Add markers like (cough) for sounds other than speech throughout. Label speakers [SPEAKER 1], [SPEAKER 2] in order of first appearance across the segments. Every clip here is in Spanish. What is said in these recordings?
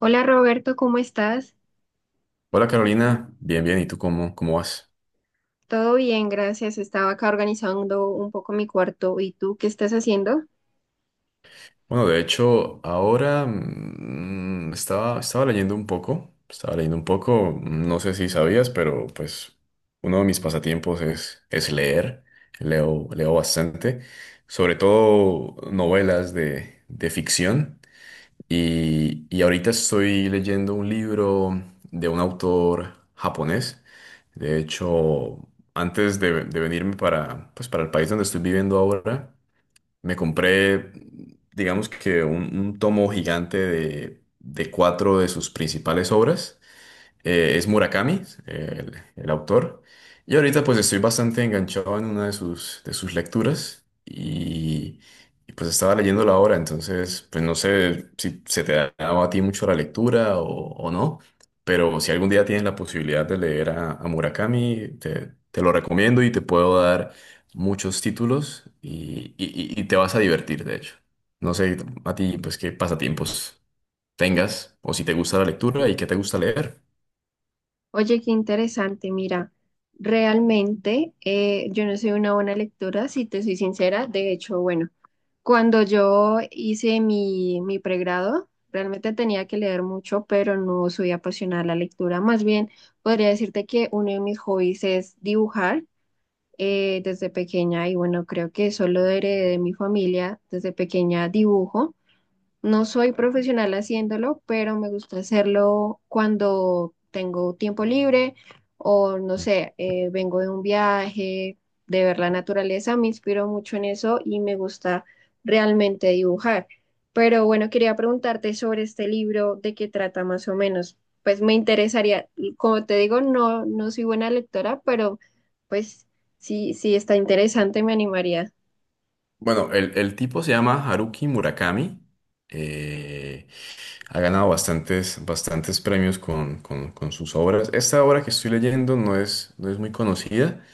[SPEAKER 1] Hola Roberto, ¿cómo estás?
[SPEAKER 2] Hola Carolina, bien, bien, ¿y tú cómo vas?
[SPEAKER 1] Todo bien, gracias. Estaba acá organizando un poco mi cuarto. ¿Y tú qué estás haciendo?
[SPEAKER 2] Bueno, de hecho, ahora estaba leyendo un poco, estaba leyendo un poco, no sé si sabías, pero pues uno de mis pasatiempos es leer, leo bastante, sobre todo novelas de ficción y ahorita estoy leyendo un libro de un autor japonés, de hecho, antes de venirme para, pues, para el país donde estoy viviendo ahora, me compré, digamos que un tomo gigante de cuatro de sus principales obras. Es Murakami, el autor. Y ahorita pues estoy bastante enganchado en una de sus lecturas y, pues estaba leyendo la obra, entonces pues no sé si se te ha dado a ti mucho la lectura o no, pero si algún día tienes la posibilidad de leer a Murakami, te lo recomiendo y te puedo dar muchos títulos y, y te vas a divertir, de hecho. No sé a ti pues qué pasatiempos tengas o si te gusta la lectura y qué te gusta leer.
[SPEAKER 1] Oye, qué interesante. Mira, realmente yo no soy una buena lectora, si te soy sincera. De hecho, bueno, cuando yo hice mi pregrado, realmente tenía que leer mucho, pero no soy apasionada a la lectura. Más bien, podría decirte que uno de mis hobbies es dibujar. Desde pequeña y bueno, creo que eso lo heredé de mi familia. Desde pequeña dibujo, no soy profesional haciéndolo, pero me gusta hacerlo cuando tengo tiempo libre o no sé, vengo de un viaje, de ver la naturaleza, me inspiro mucho en eso y me gusta realmente dibujar. Pero bueno, quería preguntarte sobre este libro, de qué trata más o menos. Pues me interesaría, como te digo, no soy buena lectora, pero pues sí, sí está interesante, me animaría.
[SPEAKER 2] Bueno, el tipo se llama Haruki Murakami. eh, Ha ganado bastantes, bastantes premios con, con sus obras. Esta obra que estoy leyendo no es, no es muy conocida.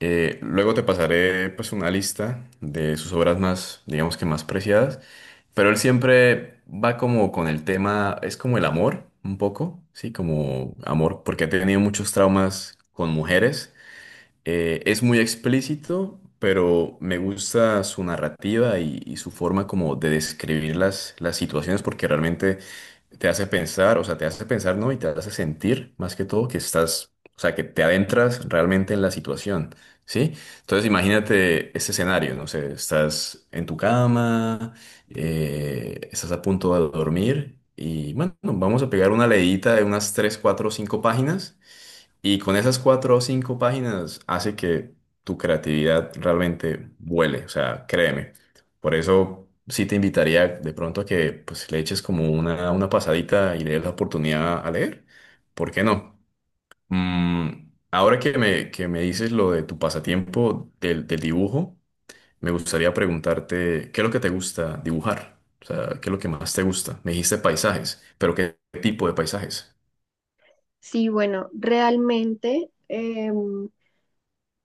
[SPEAKER 2] Luego te pasaré pues una lista de sus obras más, digamos que más preciadas. Pero él siempre va como con el tema, es como el amor, un poco, ¿sí? Como amor, porque ha tenido muchos traumas con mujeres. Es muy explícito, pero me gusta su narrativa y su forma como de describir las situaciones porque realmente te hace pensar, o sea, te hace pensar, ¿no? Y te hace sentir más que todo que estás, o sea, que te adentras realmente en la situación, ¿sí? Entonces imagínate este escenario, no sé, estás en tu cama, estás a punto de dormir y bueno, vamos a pegar una leída de unas 3 4 5 páginas y con esas cuatro o cinco páginas hace que tu creatividad realmente vuele, o sea, créeme. Por eso sí te invitaría de pronto a que pues, le eches como una pasadita y le des la oportunidad a leer. ¿Por qué no? Ahora que me dices lo de tu pasatiempo del dibujo, me gustaría preguntarte, ¿qué es lo que te gusta dibujar? O sea, ¿qué es lo que más te gusta? Me dijiste paisajes, pero ¿qué tipo de paisajes?
[SPEAKER 1] Sí, bueno, realmente...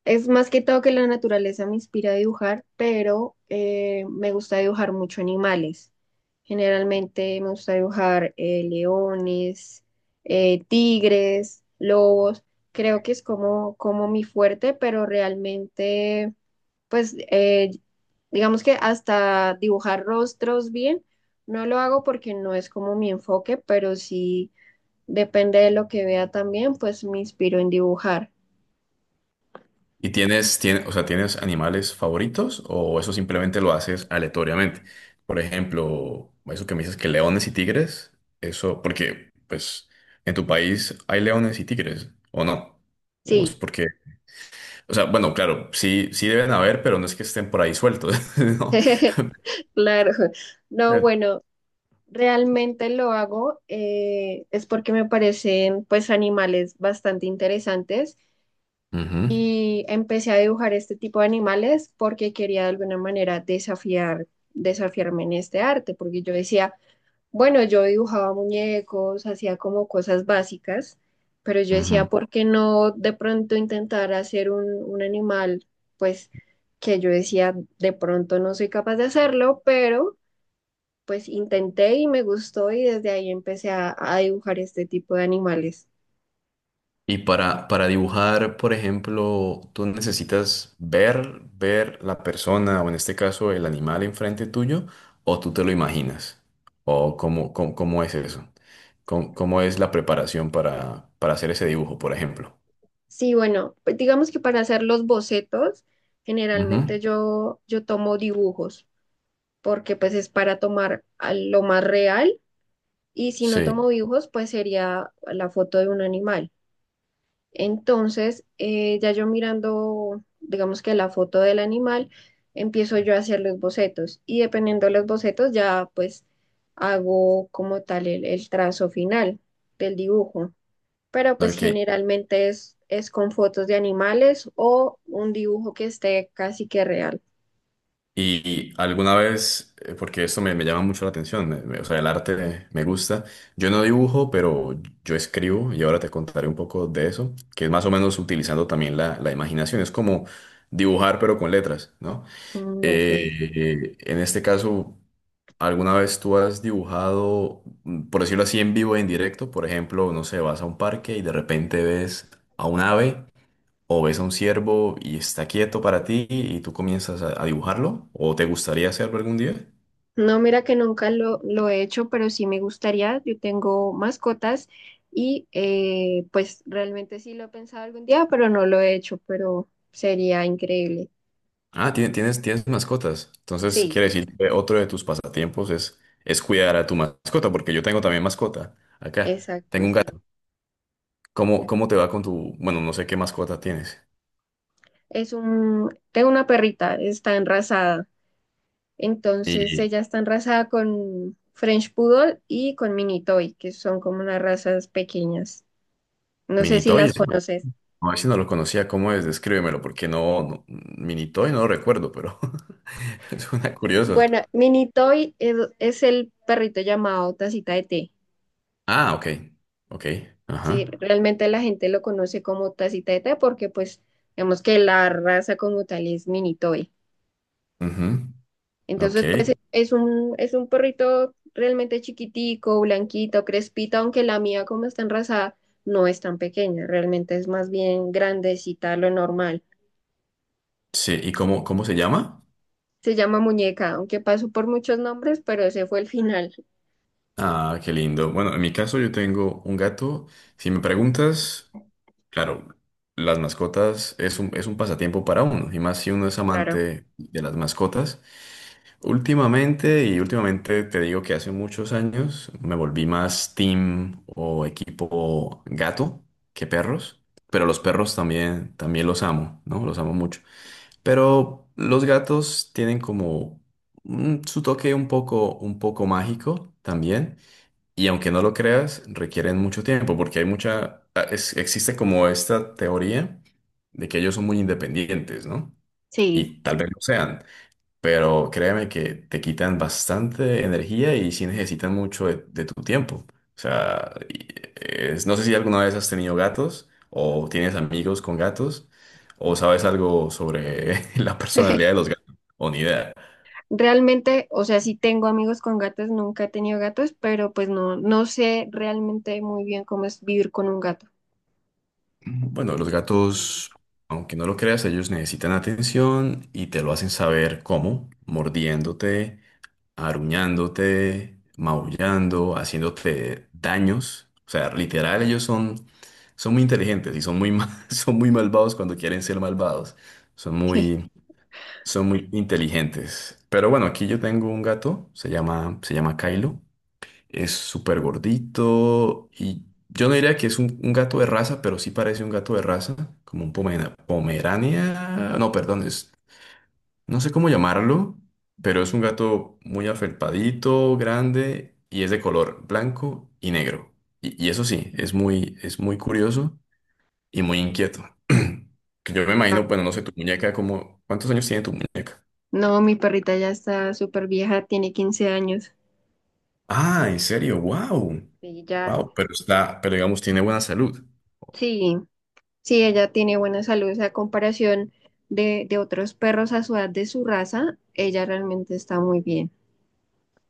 [SPEAKER 1] es más que todo que la naturaleza me inspira a dibujar, pero me gusta dibujar mucho animales. Generalmente me gusta dibujar leones, tigres, lobos. Creo que es como mi fuerte, pero realmente, pues, digamos que hasta dibujar rostros bien, no lo hago porque no es como mi enfoque, pero sí depende de lo que vea también, pues me inspiro en dibujar.
[SPEAKER 2] ¿Y tienes animales favoritos o eso simplemente lo haces aleatoriamente? Por ejemplo, eso que me dices que leones y tigres, eso porque, pues, en tu país hay leones y tigres, ¿o no? O es
[SPEAKER 1] Sí.
[SPEAKER 2] porque, o sea, bueno, claro, sí, sí deben haber, pero no es que estén por ahí sueltos, (laughs) ¿no?
[SPEAKER 1] (laughs) Claro, no,
[SPEAKER 2] Eh,
[SPEAKER 1] bueno, realmente lo hago es porque me parecen pues animales bastante interesantes
[SPEAKER 2] ujú,
[SPEAKER 1] y empecé a dibujar este tipo de animales porque quería de alguna manera desafiar, desafiarme en este arte, porque yo decía, bueno, yo dibujaba muñecos, hacía como cosas básicas, pero yo decía,
[SPEAKER 2] ujú.
[SPEAKER 1] ¿por qué no de pronto intentar hacer un animal pues que yo decía, de pronto no soy capaz de hacerlo, pero pues intenté y me gustó y desde ahí empecé a dibujar este tipo de animales.
[SPEAKER 2] Y para dibujar, por ejemplo, tú necesitas ver, ver la persona o en este caso el animal enfrente tuyo o tú te lo imaginas. O cómo, cómo, cómo es eso. Cómo, cómo es la preparación para hacer ese dibujo, por ejemplo.
[SPEAKER 1] Sí, bueno, pues digamos que para hacer los bocetos,
[SPEAKER 2] Ujú,
[SPEAKER 1] generalmente yo tomo dibujos, porque pues es para tomar a lo más real y si no
[SPEAKER 2] sí.
[SPEAKER 1] tomo dibujos, pues sería la foto de un animal. Entonces, ya yo mirando, digamos que la foto del animal, empiezo yo a hacer los bocetos y dependiendo de los bocetos ya pues hago como tal el trazo final del dibujo. Pero pues
[SPEAKER 2] Ok.
[SPEAKER 1] generalmente es con fotos de animales o un dibujo que esté casi que real.
[SPEAKER 2] Y alguna vez, porque esto me, me llama mucho la atención, o sea, el arte me gusta. Yo no dibujo, pero yo escribo y ahora te contaré un poco de eso, que es más o menos utilizando también la imaginación. Es como dibujar, pero con letras, ¿no?
[SPEAKER 1] Mm, ok.
[SPEAKER 2] En este caso, ¿alguna vez tú has dibujado, por decirlo así, en vivo, en directo? Por ejemplo, no sé, vas a un parque y de repente ves a un ave o ves a un ciervo y está quieto para ti y tú comienzas a dibujarlo, o te gustaría hacerlo algún día.
[SPEAKER 1] No, mira que nunca lo he hecho, pero sí me gustaría. Yo tengo mascotas y pues realmente sí lo he pensado algún día, pero no lo he hecho, pero sería increíble.
[SPEAKER 2] Ah, tienes mascotas. Entonces,
[SPEAKER 1] Sí,
[SPEAKER 2] quiere decir que otro de tus pasatiempos es cuidar a tu mascota, porque yo tengo también mascota acá.
[SPEAKER 1] exacto,
[SPEAKER 2] Tengo un
[SPEAKER 1] sí.
[SPEAKER 2] gato. ¿Cómo, cómo te va con tu, bueno, no sé qué mascota tienes?
[SPEAKER 1] Es un, tengo una perrita, está enrasada. Entonces
[SPEAKER 2] Y
[SPEAKER 1] ella está enrasada con French Poodle y con Mini Toy, que son como unas razas pequeñas. No sé si
[SPEAKER 2] Minitoy,
[SPEAKER 1] las conoces.
[SPEAKER 2] no, ese no lo conocía, ¿cómo es? Descríbemelo, porque no, no Minitoy no lo recuerdo, pero (laughs) suena curioso.
[SPEAKER 1] Bueno, Mini Toy es el perrito llamado Tacita de Té.
[SPEAKER 2] Ah, ok, ok,
[SPEAKER 1] Sí,
[SPEAKER 2] ajá,
[SPEAKER 1] realmente la gente lo conoce como tacita de té porque pues vemos que la raza como tal es mini toy.
[SPEAKER 2] ujú, ok.
[SPEAKER 1] Entonces pues es un perrito realmente chiquitico, blanquito, crespito, aunque la mía como está enrasada no es tan pequeña, realmente es más bien grandecita, a lo normal.
[SPEAKER 2] Sí, ¿y cómo, cómo se llama?
[SPEAKER 1] Se llama muñeca, aunque pasó por muchos nombres, pero ese fue el final,
[SPEAKER 2] Ah, qué lindo. Bueno, en mi caso yo tengo un gato. Si me preguntas, claro, las mascotas es un pasatiempo para uno, y más si uno es
[SPEAKER 1] claro.
[SPEAKER 2] amante de las mascotas. Últimamente, y últimamente te digo que hace muchos años, me volví más team o equipo gato que perros, pero los perros también, también los amo, ¿no? Los amo mucho. Pero los gatos tienen como su toque un poco mágico también. Y aunque no lo creas, requieren mucho tiempo porque hay mucha, ah, existe como esta teoría de que ellos son muy independientes, ¿no?
[SPEAKER 1] Sí.
[SPEAKER 2] Y tal vez lo sean, pero créeme que te quitan bastante energía y sí necesitan mucho de tu tiempo. O sea, no sé si alguna vez has tenido gatos o tienes amigos con gatos o sabes algo sobre (laughs) la personalidad de
[SPEAKER 1] (laughs)
[SPEAKER 2] los gatos o ni idea.
[SPEAKER 1] Realmente, o sea, sí tengo amigos con gatos, nunca he tenido gatos, pero pues no, no sé realmente muy bien cómo es vivir con un gato.
[SPEAKER 2] Bueno, los gatos, aunque no lo creas, ellos necesitan atención y te lo hacen saber cómo, mordiéndote aruñándote, maullando, haciéndote daños. O sea, literal, ellos son, son muy inteligentes y son muy, (laughs) son muy malvados cuando quieren ser malvados. Son
[SPEAKER 1] (laughs)
[SPEAKER 2] muy, son muy inteligentes. Pero bueno, aquí yo tengo un gato, se llama Kylo. Es súper gordito y yo no diría que es un gato de raza, pero sí parece un gato de raza, como un pomerania. No, perdón, es. No sé cómo llamarlo, pero es un gato muy afelpadito, grande y es de color blanco y negro. Y eso sí, es muy curioso y muy inquieto. (clears throat) Que yo me
[SPEAKER 1] Ah,
[SPEAKER 2] imagino, bueno, no sé, tu muñeca, como, ¿cuántos años tiene tu muñeca?
[SPEAKER 1] no, mi perrita ya está súper vieja, tiene 15 años
[SPEAKER 2] Ah, en serio, wow.
[SPEAKER 1] y ya,
[SPEAKER 2] Wow, pero está, pero digamos, tiene buena salud.
[SPEAKER 1] sí, sí, ella tiene buena salud, o sea, a comparación de otros perros a su edad de su raza, ella realmente está muy bien.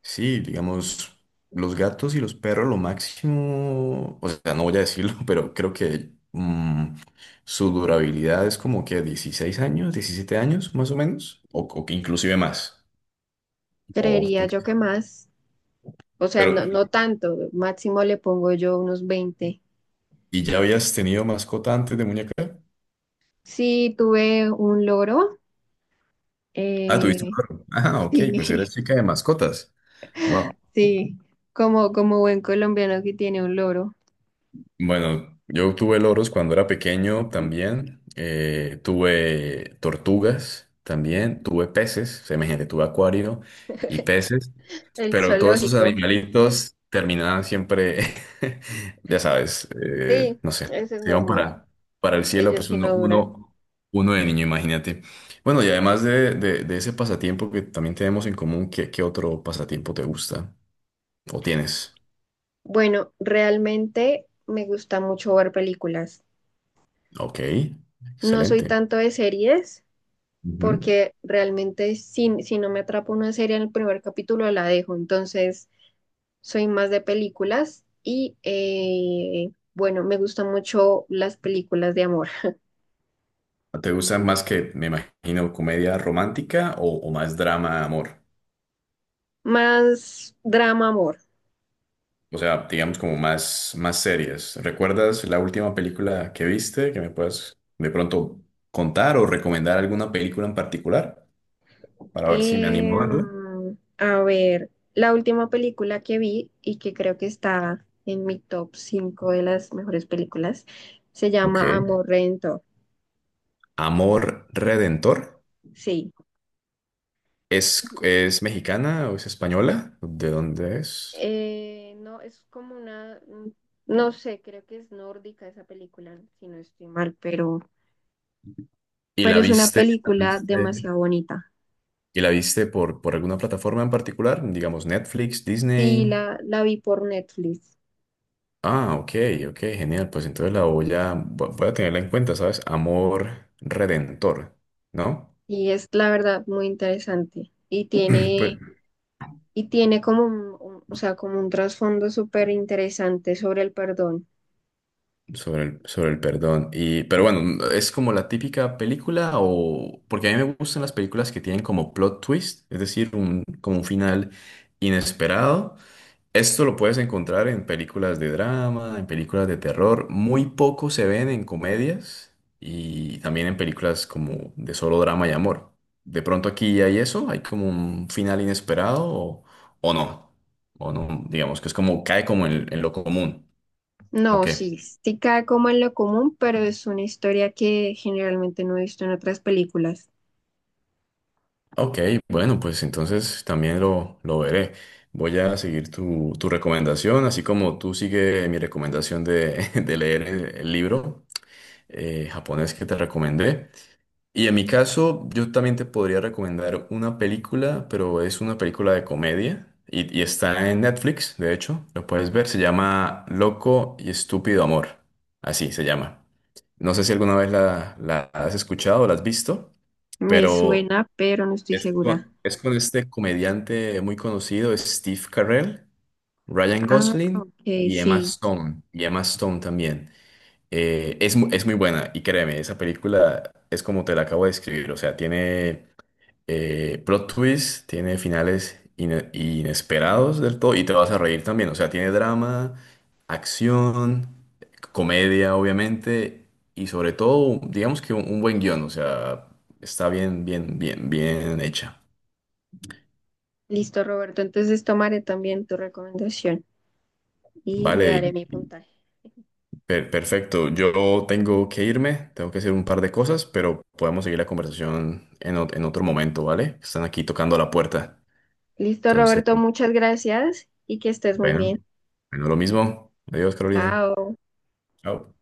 [SPEAKER 2] Sí, digamos, los gatos y los perros, lo máximo, o sea, no voy a decirlo, (laughs) pero creo que su durabilidad es como que 16 años, 17 años más o menos, o que inclusive más. O
[SPEAKER 1] Creería
[SPEAKER 2] tú qué
[SPEAKER 1] yo que
[SPEAKER 2] sabes.
[SPEAKER 1] más, o sea,
[SPEAKER 2] Pero,
[SPEAKER 1] no tanto, máximo le pongo yo unos 20.
[SPEAKER 2] ¿y ya habías tenido mascota antes de muñeca?
[SPEAKER 1] Sí, tuve un loro,
[SPEAKER 2] Ah, tuviste un
[SPEAKER 1] eh,
[SPEAKER 2] perro. Ah,
[SPEAKER 1] (laughs)
[SPEAKER 2] ok, pues
[SPEAKER 1] sí,
[SPEAKER 2] eres chica de mascotas. Wow.
[SPEAKER 1] sí, como, como buen colombiano que tiene un loro.
[SPEAKER 2] Bueno, yo tuve loros cuando era pequeño también, tuve tortugas también, tuve peces, semejante, tuve acuario y peces,
[SPEAKER 1] El
[SPEAKER 2] pero todos esos
[SPEAKER 1] zoológico.
[SPEAKER 2] animalitos terminaban siempre, (laughs) ya sabes,
[SPEAKER 1] Sí,
[SPEAKER 2] no sé,
[SPEAKER 1] eso es
[SPEAKER 2] se iban
[SPEAKER 1] normal.
[SPEAKER 2] para el cielo,
[SPEAKER 1] Ellos
[SPEAKER 2] pues
[SPEAKER 1] sí
[SPEAKER 2] uno,
[SPEAKER 1] no duran.
[SPEAKER 2] uno, uno de niño, imagínate. Bueno, y además de ese pasatiempo que también tenemos en común, ¿qué, qué otro pasatiempo te gusta o tienes?
[SPEAKER 1] Bueno, realmente me gusta mucho ver películas.
[SPEAKER 2] Ok,
[SPEAKER 1] No soy
[SPEAKER 2] excelente.
[SPEAKER 1] tanto de series porque realmente si no me atrapa una serie en el primer capítulo la dejo. Entonces, soy más de películas y bueno, me gustan mucho las películas de amor.
[SPEAKER 2] ¿Te gusta más que, me imagino, comedia romántica o más drama, amor?
[SPEAKER 1] Más drama amor.
[SPEAKER 2] O sea, digamos como más, más series. ¿Recuerdas la última película que viste que me puedas de pronto contar o recomendar alguna película en particular para ver si me animo
[SPEAKER 1] Em,
[SPEAKER 2] a verla?
[SPEAKER 1] a ver, la última película que vi y que creo que está en mi top 5 de las mejores películas se
[SPEAKER 2] Ok.
[SPEAKER 1] llama Amorrento.
[SPEAKER 2] Amor Redentor.
[SPEAKER 1] Sí,
[SPEAKER 2] Es mexicana o es española? ¿De dónde es?
[SPEAKER 1] No, es como una, no sé, creo que es nórdica esa película, si no estoy mal,
[SPEAKER 2] ¿Y
[SPEAKER 1] pero es una
[SPEAKER 2] la
[SPEAKER 1] película
[SPEAKER 2] viste,
[SPEAKER 1] demasiado bonita.
[SPEAKER 2] y la viste por alguna plataforma en particular? Digamos Netflix,
[SPEAKER 1] Sí,
[SPEAKER 2] Disney.
[SPEAKER 1] la vi por Netflix
[SPEAKER 2] Ah, ok, ok, genial. Pues entonces la voy voy a tenerla en cuenta, ¿sabes? Amor redentor, ¿no? (clears throat)
[SPEAKER 1] y es la verdad muy interesante
[SPEAKER 2] Pues,
[SPEAKER 1] y tiene como un, o sea, como un trasfondo súper interesante sobre el perdón.
[SPEAKER 2] sobre el perdón. Y, pero bueno, ¿es como la típica película o...? Porque a mí me gustan las películas que tienen como plot twist, es decir, un, como un final inesperado. Esto lo puedes encontrar en películas de drama, en películas de terror. Muy poco se ven en comedias y también en películas como de solo drama y amor. De pronto aquí hay eso, hay como un final inesperado o no. O no, digamos que es como cae como en lo común. ¿O
[SPEAKER 1] No,
[SPEAKER 2] qué?
[SPEAKER 1] sí, sí cae como en lo común, pero es una historia que generalmente no he visto en otras películas.
[SPEAKER 2] Ok, bueno, pues entonces también lo veré. Voy a seguir tu, tu recomendación, así como tú sigue mi recomendación de, (laughs) de leer el libro japonés que te recomendé. Y en mi caso, yo también te podría recomendar una película, pero es una película de comedia y está en Netflix, de hecho, lo puedes ver, se llama Loco y Estúpido Amor, así se llama. No sé si alguna vez la, la has escuchado o la has visto,
[SPEAKER 1] Me
[SPEAKER 2] pero
[SPEAKER 1] suena, pero no estoy segura.
[SPEAKER 2] es con este comediante muy conocido, es Steve Carell, Ryan
[SPEAKER 1] Ah,
[SPEAKER 2] Gosling
[SPEAKER 1] ok, sí.
[SPEAKER 2] Y Emma Stone también. Es, es muy buena y créeme, esa película es como te la acabo de describir, o sea, tiene plot twists, tiene finales inesperados del todo y te vas a reír también, o sea, tiene drama, acción, comedia, obviamente, y sobre todo, digamos que un buen guión, o sea, está bien, bien, bien, bien hecha,
[SPEAKER 1] Listo, Roberto. Entonces tomaré también tu recomendación y le daré
[SPEAKER 2] ¿vale?
[SPEAKER 1] mi puntaje.
[SPEAKER 2] Perfecto, yo tengo que irme, tengo que hacer un par de cosas, pero podemos seguir la conversación en, en otro momento, ¿vale? Están aquí tocando la puerta.
[SPEAKER 1] Listo,
[SPEAKER 2] Entonces,
[SPEAKER 1] Roberto, muchas gracias y que estés muy
[SPEAKER 2] bueno,
[SPEAKER 1] bien.
[SPEAKER 2] bueno, lo mismo. Adiós, Carolina.
[SPEAKER 1] Chao.
[SPEAKER 2] Chao.